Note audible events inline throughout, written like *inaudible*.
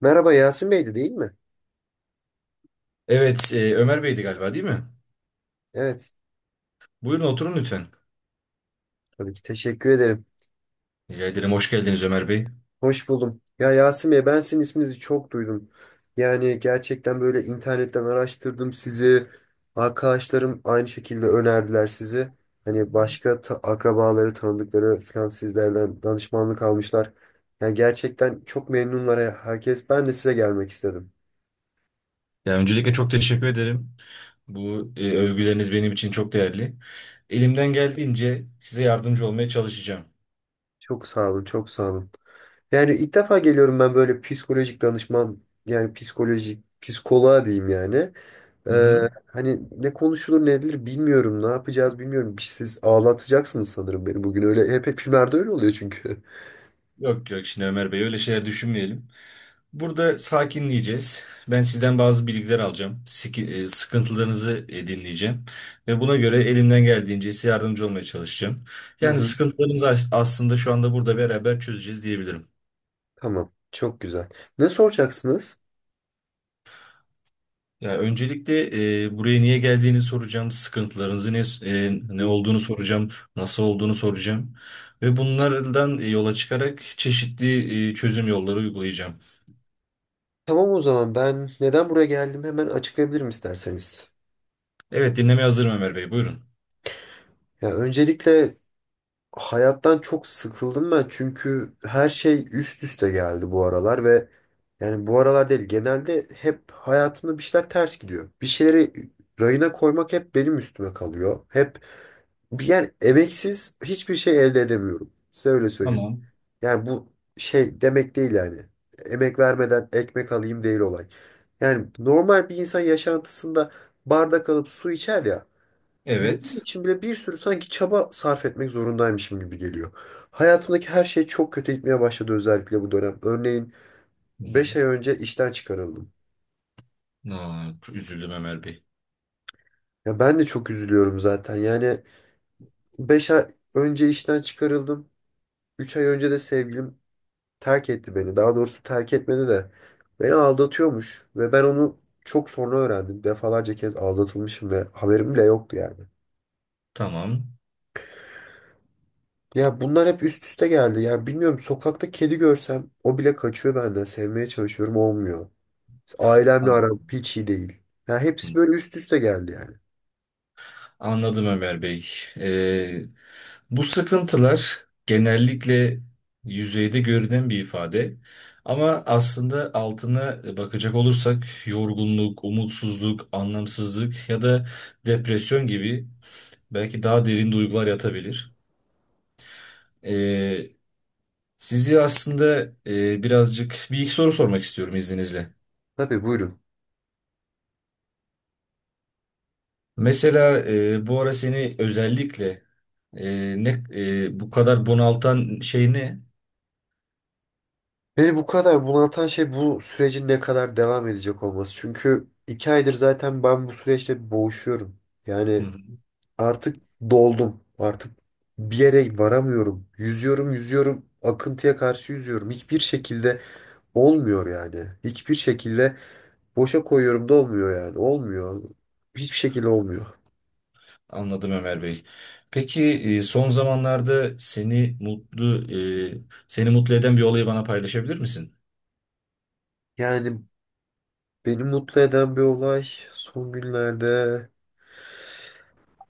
Merhaba Yasin Bey'di değil mi? Evet, Ömer Bey'di galiba değil mi? Evet. Buyurun oturun lütfen. Tabii ki teşekkür ederim. Rica ederim, hoş geldiniz Ömer Bey. Hoş buldum. Ya Yasin Bey, ben sizin isminizi çok duydum. Yani gerçekten böyle internetten araştırdım sizi. Arkadaşlarım aynı şekilde önerdiler sizi. Hani başka akrabaları, tanıdıkları falan sizlerden danışmanlık almışlar. Yani gerçekten çok memnunlar, herkes. Ben de size gelmek istedim. Ya, öncelikle çok teşekkür ederim. Bu övgüleriniz benim için çok değerli. Elimden geldiğince size yardımcı olmaya çalışacağım. Çok sağ olun, çok sağ olun. Yani ilk defa geliyorum ben böyle psikolojik danışman, yani psikolojik, psikoloğa diyeyim yani. Hı hı. Hani ne konuşulur ne edilir bilmiyorum. Ne yapacağız bilmiyorum. Siz ağlatacaksınız sanırım beni bugün. Öyle hep filmlerde öyle oluyor çünkü. Yok yok, şimdi Ömer Bey öyle şeyler düşünmeyelim. Burada sakinleyeceğiz. Ben sizden bazı bilgiler alacağım. Sıkıntılarınızı dinleyeceğim. Ve buna göre elimden geldiğince size yardımcı olmaya çalışacağım. *laughs* Hı Yani hı. sıkıntılarınızı aslında şu anda burada beraber çözeceğiz diyebilirim. Tamam. Çok güzel. Ne soracaksınız? Ya öncelikle buraya niye geldiğini soracağım, sıkıntılarınızı ne Hı. olduğunu soracağım, nasıl olduğunu soracağım ve bunlardan yola çıkarak çeşitli çözüm yolları uygulayacağım. Tamam, o zaman ben neden buraya geldim hemen açıklayabilirim isterseniz. Evet, dinlemeye hazırım Ömer Bey, buyurun. Ya öncelikle hayattan çok sıkıldım ben çünkü her şey üst üste geldi bu aralar ve yani bu aralar değil, genelde hep hayatımda bir şeyler ters gidiyor. Bir şeyleri rayına koymak hep benim üstüme kalıyor. Yani emeksiz hiçbir şey elde edemiyorum. Size öyle söyleyeyim. Tamam. Yani bu şey demek değil yani. Emek vermeden ekmek alayım değil olay. Yani normal bir insan yaşantısında bardak alıp su içer ya. Bunun Evet. için bile bir sürü sanki çaba sarf etmek zorundaymışım gibi geliyor. Hayatımdaki her şey çok kötü gitmeye başladı, özellikle bu dönem. Örneğin Hı 5 hı. ay önce işten çıkarıldım. Aa, üzüldüm Ömer Bey. Ya ben de çok üzülüyorum zaten. Yani 5 ay önce işten çıkarıldım. 3 ay önce de sevgilim terk etti beni. Daha doğrusu terk etmedi de beni aldatıyormuş ve ben onu çok sonra öğrendim. Defalarca kez aldatılmışım ve haberim bile yoktu yani. Tamam. Ya bunlar hep üst üste geldi. Yani bilmiyorum, sokakta kedi görsem o bile kaçıyor benden. Sevmeye çalışıyorum, olmuyor. Ailemle An- aram hiç iyi değil. Ya hepsi böyle üst üste geldi yani. Anladım Ömer Bey. Bu sıkıntılar genellikle yüzeyde görünen bir ifade, ama aslında altına bakacak olursak yorgunluk, umutsuzluk, anlamsızlık ya da depresyon gibi belki daha derin duygular yatabilir. Ee, sizi aslında birazcık bir iki soru sormak istiyorum izninizle. Tabii, buyurun. Mesela bu ara seni özellikle bu kadar bunaltan şey ne? Beni bu kadar bunaltan şey bu sürecin ne kadar devam edecek olması. Çünkü iki aydır zaten ben bu süreçte boğuşuyorum. Hı Yani hı. artık doldum. Artık bir yere varamıyorum. Yüzüyorum, yüzüyorum. Akıntıya karşı yüzüyorum. Hiçbir şekilde olmuyor yani. Hiçbir şekilde boşa koyuyorum da olmuyor yani. Olmuyor. Hiçbir şekilde olmuyor. Anladım Ömer Bey. Peki son zamanlarda seni e, seni mutlu eden bir olayı bana paylaşabilir misin? Yani beni mutlu eden bir olay son günlerde.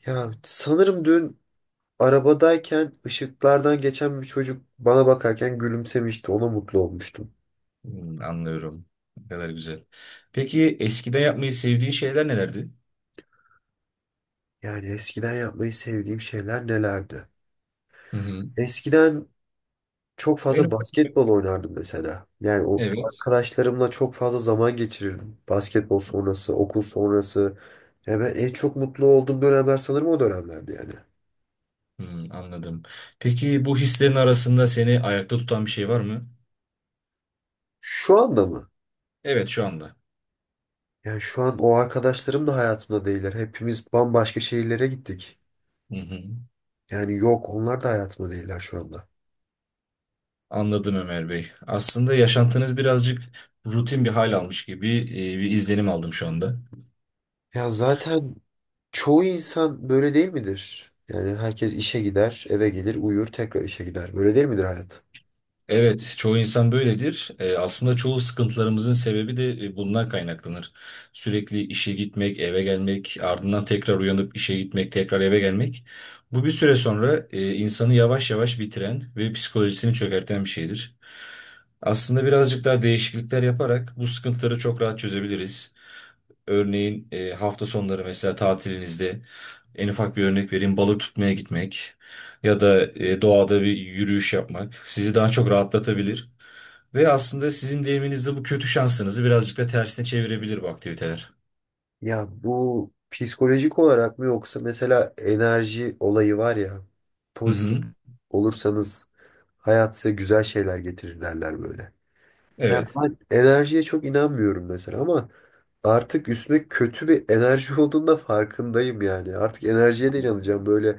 Ya sanırım dün arabadayken ışıklardan geçen bir çocuk bana bakarken gülümsemişti. Ona mutlu olmuştum. Hmm, anlıyorum. Ne kadar güzel. Peki eskiden yapmayı sevdiğin şeyler nelerdi? Yani eskiden yapmayı sevdiğim şeyler nelerdi? Hı hı. Eskiden çok En fazla ufak- basketbol oynardım mesela. Yani o Evet. arkadaşlarımla çok fazla zaman geçirirdim. Basketbol sonrası, okul sonrası. Ya ben en çok mutlu olduğum dönemler sanırım o dönemlerdi yani. Hmm, anladım. Peki bu hislerin arasında seni ayakta tutan bir şey var mı? Şu anda mı? Evet, şu anda. Yani şu an o arkadaşlarım da hayatımda değiller. Hepimiz bambaşka şehirlere gittik. Hı hı. Yani yok, onlar da hayatımda değiller şu anda. Anladım Ömer Bey. Aslında yaşantınız birazcık rutin bir hal almış gibi bir izlenim aldım şu anda. Ya zaten çoğu insan böyle değil midir? Yani herkes işe gider, eve gelir, uyur, tekrar işe gider. Böyle değil midir hayat? Evet, çoğu insan böyledir. Aslında çoğu sıkıntılarımızın sebebi de bundan kaynaklanır. Sürekli işe gitmek, eve gelmek, ardından tekrar uyanıp işe gitmek, tekrar eve gelmek. Bu bir süre sonra insanı yavaş yavaş bitiren ve psikolojisini çökerten bir şeydir. Aslında birazcık daha değişiklikler yaparak bu sıkıntıları çok rahat çözebiliriz. Örneğin hafta sonları, mesela tatilinizde, en ufak bir örnek vereyim, balık tutmaya gitmek ya da doğada bir yürüyüş yapmak sizi daha çok rahatlatabilir ve aslında sizin deyiminizde bu kötü şansınızı birazcık da tersine çevirebilir bu aktiviteler. Ya bu psikolojik olarak mı yoksa mesela enerji olayı var ya, Hı pozitif hı. olursanız hayat size güzel şeyler getirir derler böyle. Ya Evet. ben enerjiye çok inanmıyorum mesela ama artık üstüme kötü bir enerji *laughs* olduğunda farkındayım yani. Artık enerjiye de inanacağım, böyle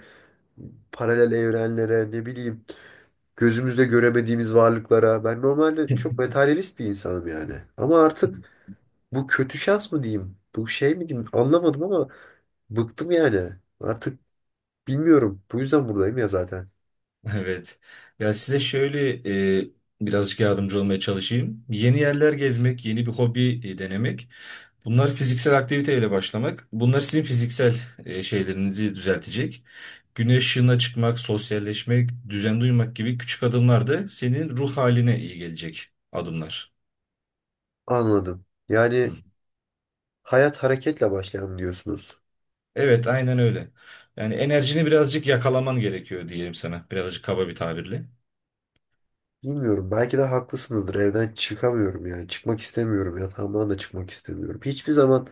paralel evrenlere, ne bileyim, gözümüzle göremediğimiz varlıklara. Ben normalde çok *laughs* materyalist bir insanım yani. Ama artık bu kötü şans mı diyeyim? Bu şey mi diyeyim? Anlamadım ama bıktım yani. Artık bilmiyorum. Bu yüzden buradayım ya zaten. Evet. Ya size şöyle e, birazcık yardımcı olmaya çalışayım. Yeni yerler gezmek, yeni bir hobi denemek. Bunlar fiziksel aktiviteyle başlamak. Bunlar sizin fiziksel şeylerinizi düzeltecek. Güneş ışığına çıkmak, sosyalleşmek, düzen duymak gibi küçük adımlar da senin ruh haline iyi gelecek adımlar. Anladım. Hı. Yani hayat hareketle başlar mı diyorsunuz? Evet, aynen öyle. Yani enerjini birazcık yakalaman gerekiyor diyelim sana. Birazcık kaba bir tabirle. Bilmiyorum. Belki de haklısınızdır. Evden çıkamıyorum yani. Çıkmak istemiyorum. Yatağımdan da çıkmak istemiyorum. Hiçbir zaman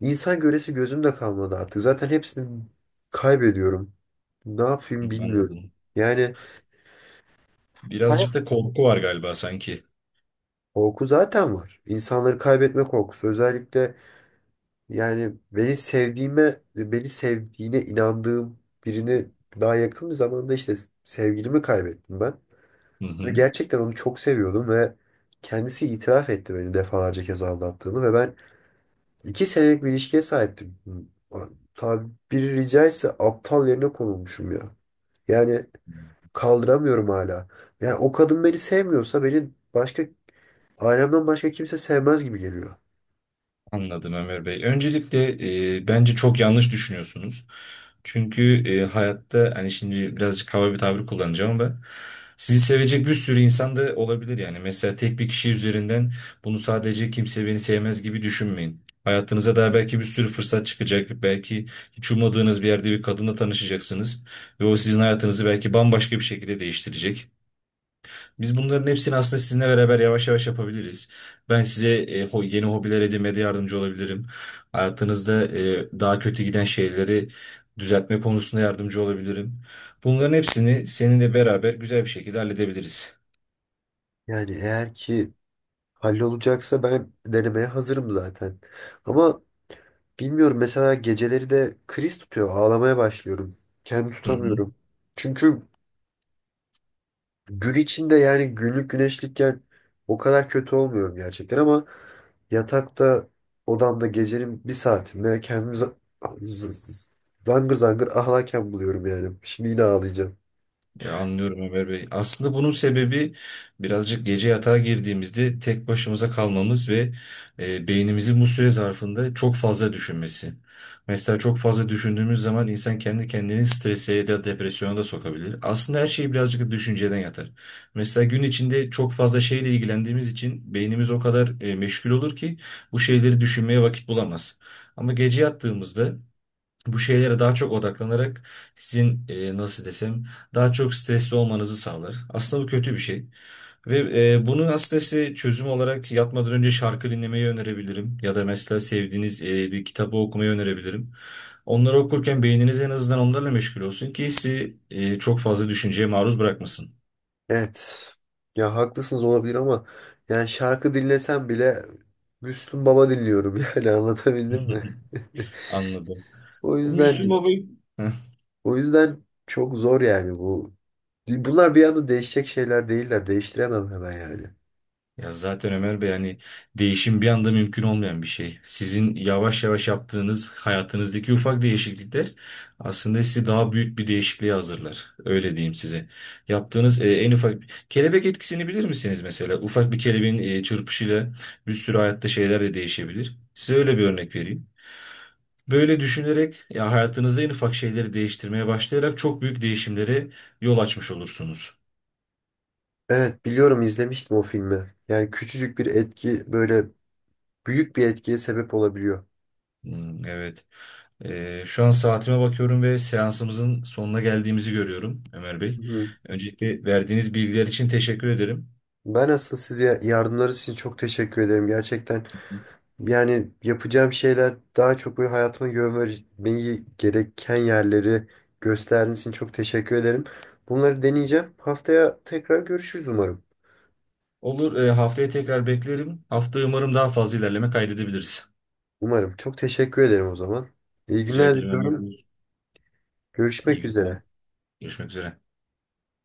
insan göresi gözümde kalmadı artık. Zaten hepsini kaybediyorum. Ne Hı, yapayım bilmiyorum. anladım. Yani hayat Birazcık da korku var galiba sanki. korku zaten var. İnsanları kaybetme korkusu. Özellikle, yani beni sevdiğime, beni sevdiğine inandığım birini daha yakın bir zamanda işte sevgilimi kaybettim ben. Hı Ve hı. gerçekten onu çok seviyordum ve kendisi itiraf etti beni defalarca kez aldattığını ve ben iki senelik bir ilişkiye sahiptim. Tabiri caizse aptal yerine konulmuşum ya. Yani kaldıramıyorum hala. Yani o kadın beni sevmiyorsa beni ailemden başka kimse sevmez gibi geliyor. Anladım Ömer Bey. Öncelikle bence çok yanlış düşünüyorsunuz. Çünkü hayatta, hani şimdi birazcık hava bir tabir kullanacağım ama, sizi sevecek bir sürü insan da olabilir yani. Mesela tek bir kişi üzerinden bunu sadece kimse beni sevmez gibi düşünmeyin. Hayatınıza daha belki bir sürü fırsat çıkacak. Belki hiç ummadığınız bir yerde bir kadınla tanışacaksınız. Ve o sizin hayatınızı belki bambaşka bir şekilde değiştirecek. Biz bunların hepsini aslında sizinle beraber yavaş yavaş yapabiliriz. Ben size yeni hobiler edinmede yardımcı olabilirim. Hayatınızda daha kötü giden şeyleri düzeltme konusunda yardımcı olabilirim. Bunların hepsini seninle beraber güzel bir şekilde halledebiliriz. Yani eğer ki hallolacaksa ben denemeye hazırım zaten. Ama bilmiyorum, mesela geceleri de kriz tutuyor. Ağlamaya başlıyorum. Kendimi Hı hı. tutamıyorum. Çünkü gün içinde yani günlük güneşlikken o kadar kötü olmuyorum gerçekten ama yatakta odamda gecenin bir saatinde kendimi z- z- zangır zangır ağlarken buluyorum yani. Şimdi yine ağlayacağım. Ya anlıyorum Ömer Bey. Aslında bunun sebebi birazcık gece yatağa girdiğimizde tek başımıza kalmamız ve beynimizin bu süre zarfında çok fazla düşünmesi. Mesela çok fazla düşündüğümüz zaman insan kendi kendini strese ya da depresyona da sokabilir. Aslında her şey birazcık da düşünceden yatar. Mesela gün içinde çok fazla şeyle ilgilendiğimiz için beynimiz o kadar meşgul olur ki bu şeyleri düşünmeye vakit bulamaz. Ama gece yattığımızda bu şeylere daha çok odaklanarak sizin, nasıl desem, daha çok stresli olmanızı sağlar. Aslında bu kötü bir şey. Ve bunun aslında size çözüm olarak yatmadan önce şarkı dinlemeyi önerebilirim. Ya da mesela sevdiğiniz bir kitabı okumayı önerebilirim. Onları okurken beyniniz en azından onlarla meşgul olsun ki sizi çok fazla düşünceye maruz bırakmasın. Evet. Ya haklısınız olabilir ama yani şarkı dinlesem bile Müslüm Baba dinliyorum *laughs* yani anlatabildim mi? *laughs* *laughs* Anladım. O Bu Müslüm yüzden Baba... *laughs* o yüzden çok zor yani bu. Bunlar bir anda değişecek şeyler değiller. Değiştiremem hemen yani. Ya zaten Ömer Bey, hani değişim bir anda mümkün olmayan bir şey. Sizin yavaş yavaş yaptığınız hayatınızdaki ufak değişiklikler aslında sizi daha büyük bir değişikliğe hazırlar. Öyle diyeyim size. Yaptığınız en ufak... Kelebek etkisini bilir misiniz mesela? Ufak bir kelebeğin çırpışıyla bir sürü hayatta şeyler de değişebilir. Size öyle bir örnek vereyim. Böyle düşünerek ya hayatınızda en ufak şeyleri değiştirmeye başlayarak çok büyük değişimlere yol açmış olursunuz. Evet, biliyorum, izlemiştim o filmi. Yani küçücük bir etki böyle büyük bir etkiye sebep olabiliyor. Hmm, evet. Şu an saatime bakıyorum ve seansımızın sonuna geldiğimizi görüyorum Ömer Bey. Hı. Öncelikle verdiğiniz bilgiler için teşekkür ederim. Ben asıl size yardımlarınız için çok teşekkür ederim. Gerçekten yani yapacağım şeyler daha çok böyle hayatıma yön vermeyi gereken yerleri gösterdiğiniz için çok teşekkür ederim. Bunları deneyeceğim. Haftaya tekrar görüşürüz umarım. Olur, haftaya tekrar beklerim. Hafta umarım daha fazla ilerleme kaydedebiliriz. Umarım. Çok teşekkür ederim o zaman. İyi Rica günler ederim Ömer diliyorum. Bey. İyi Görüşmek günler. üzere. Görüşmek üzere.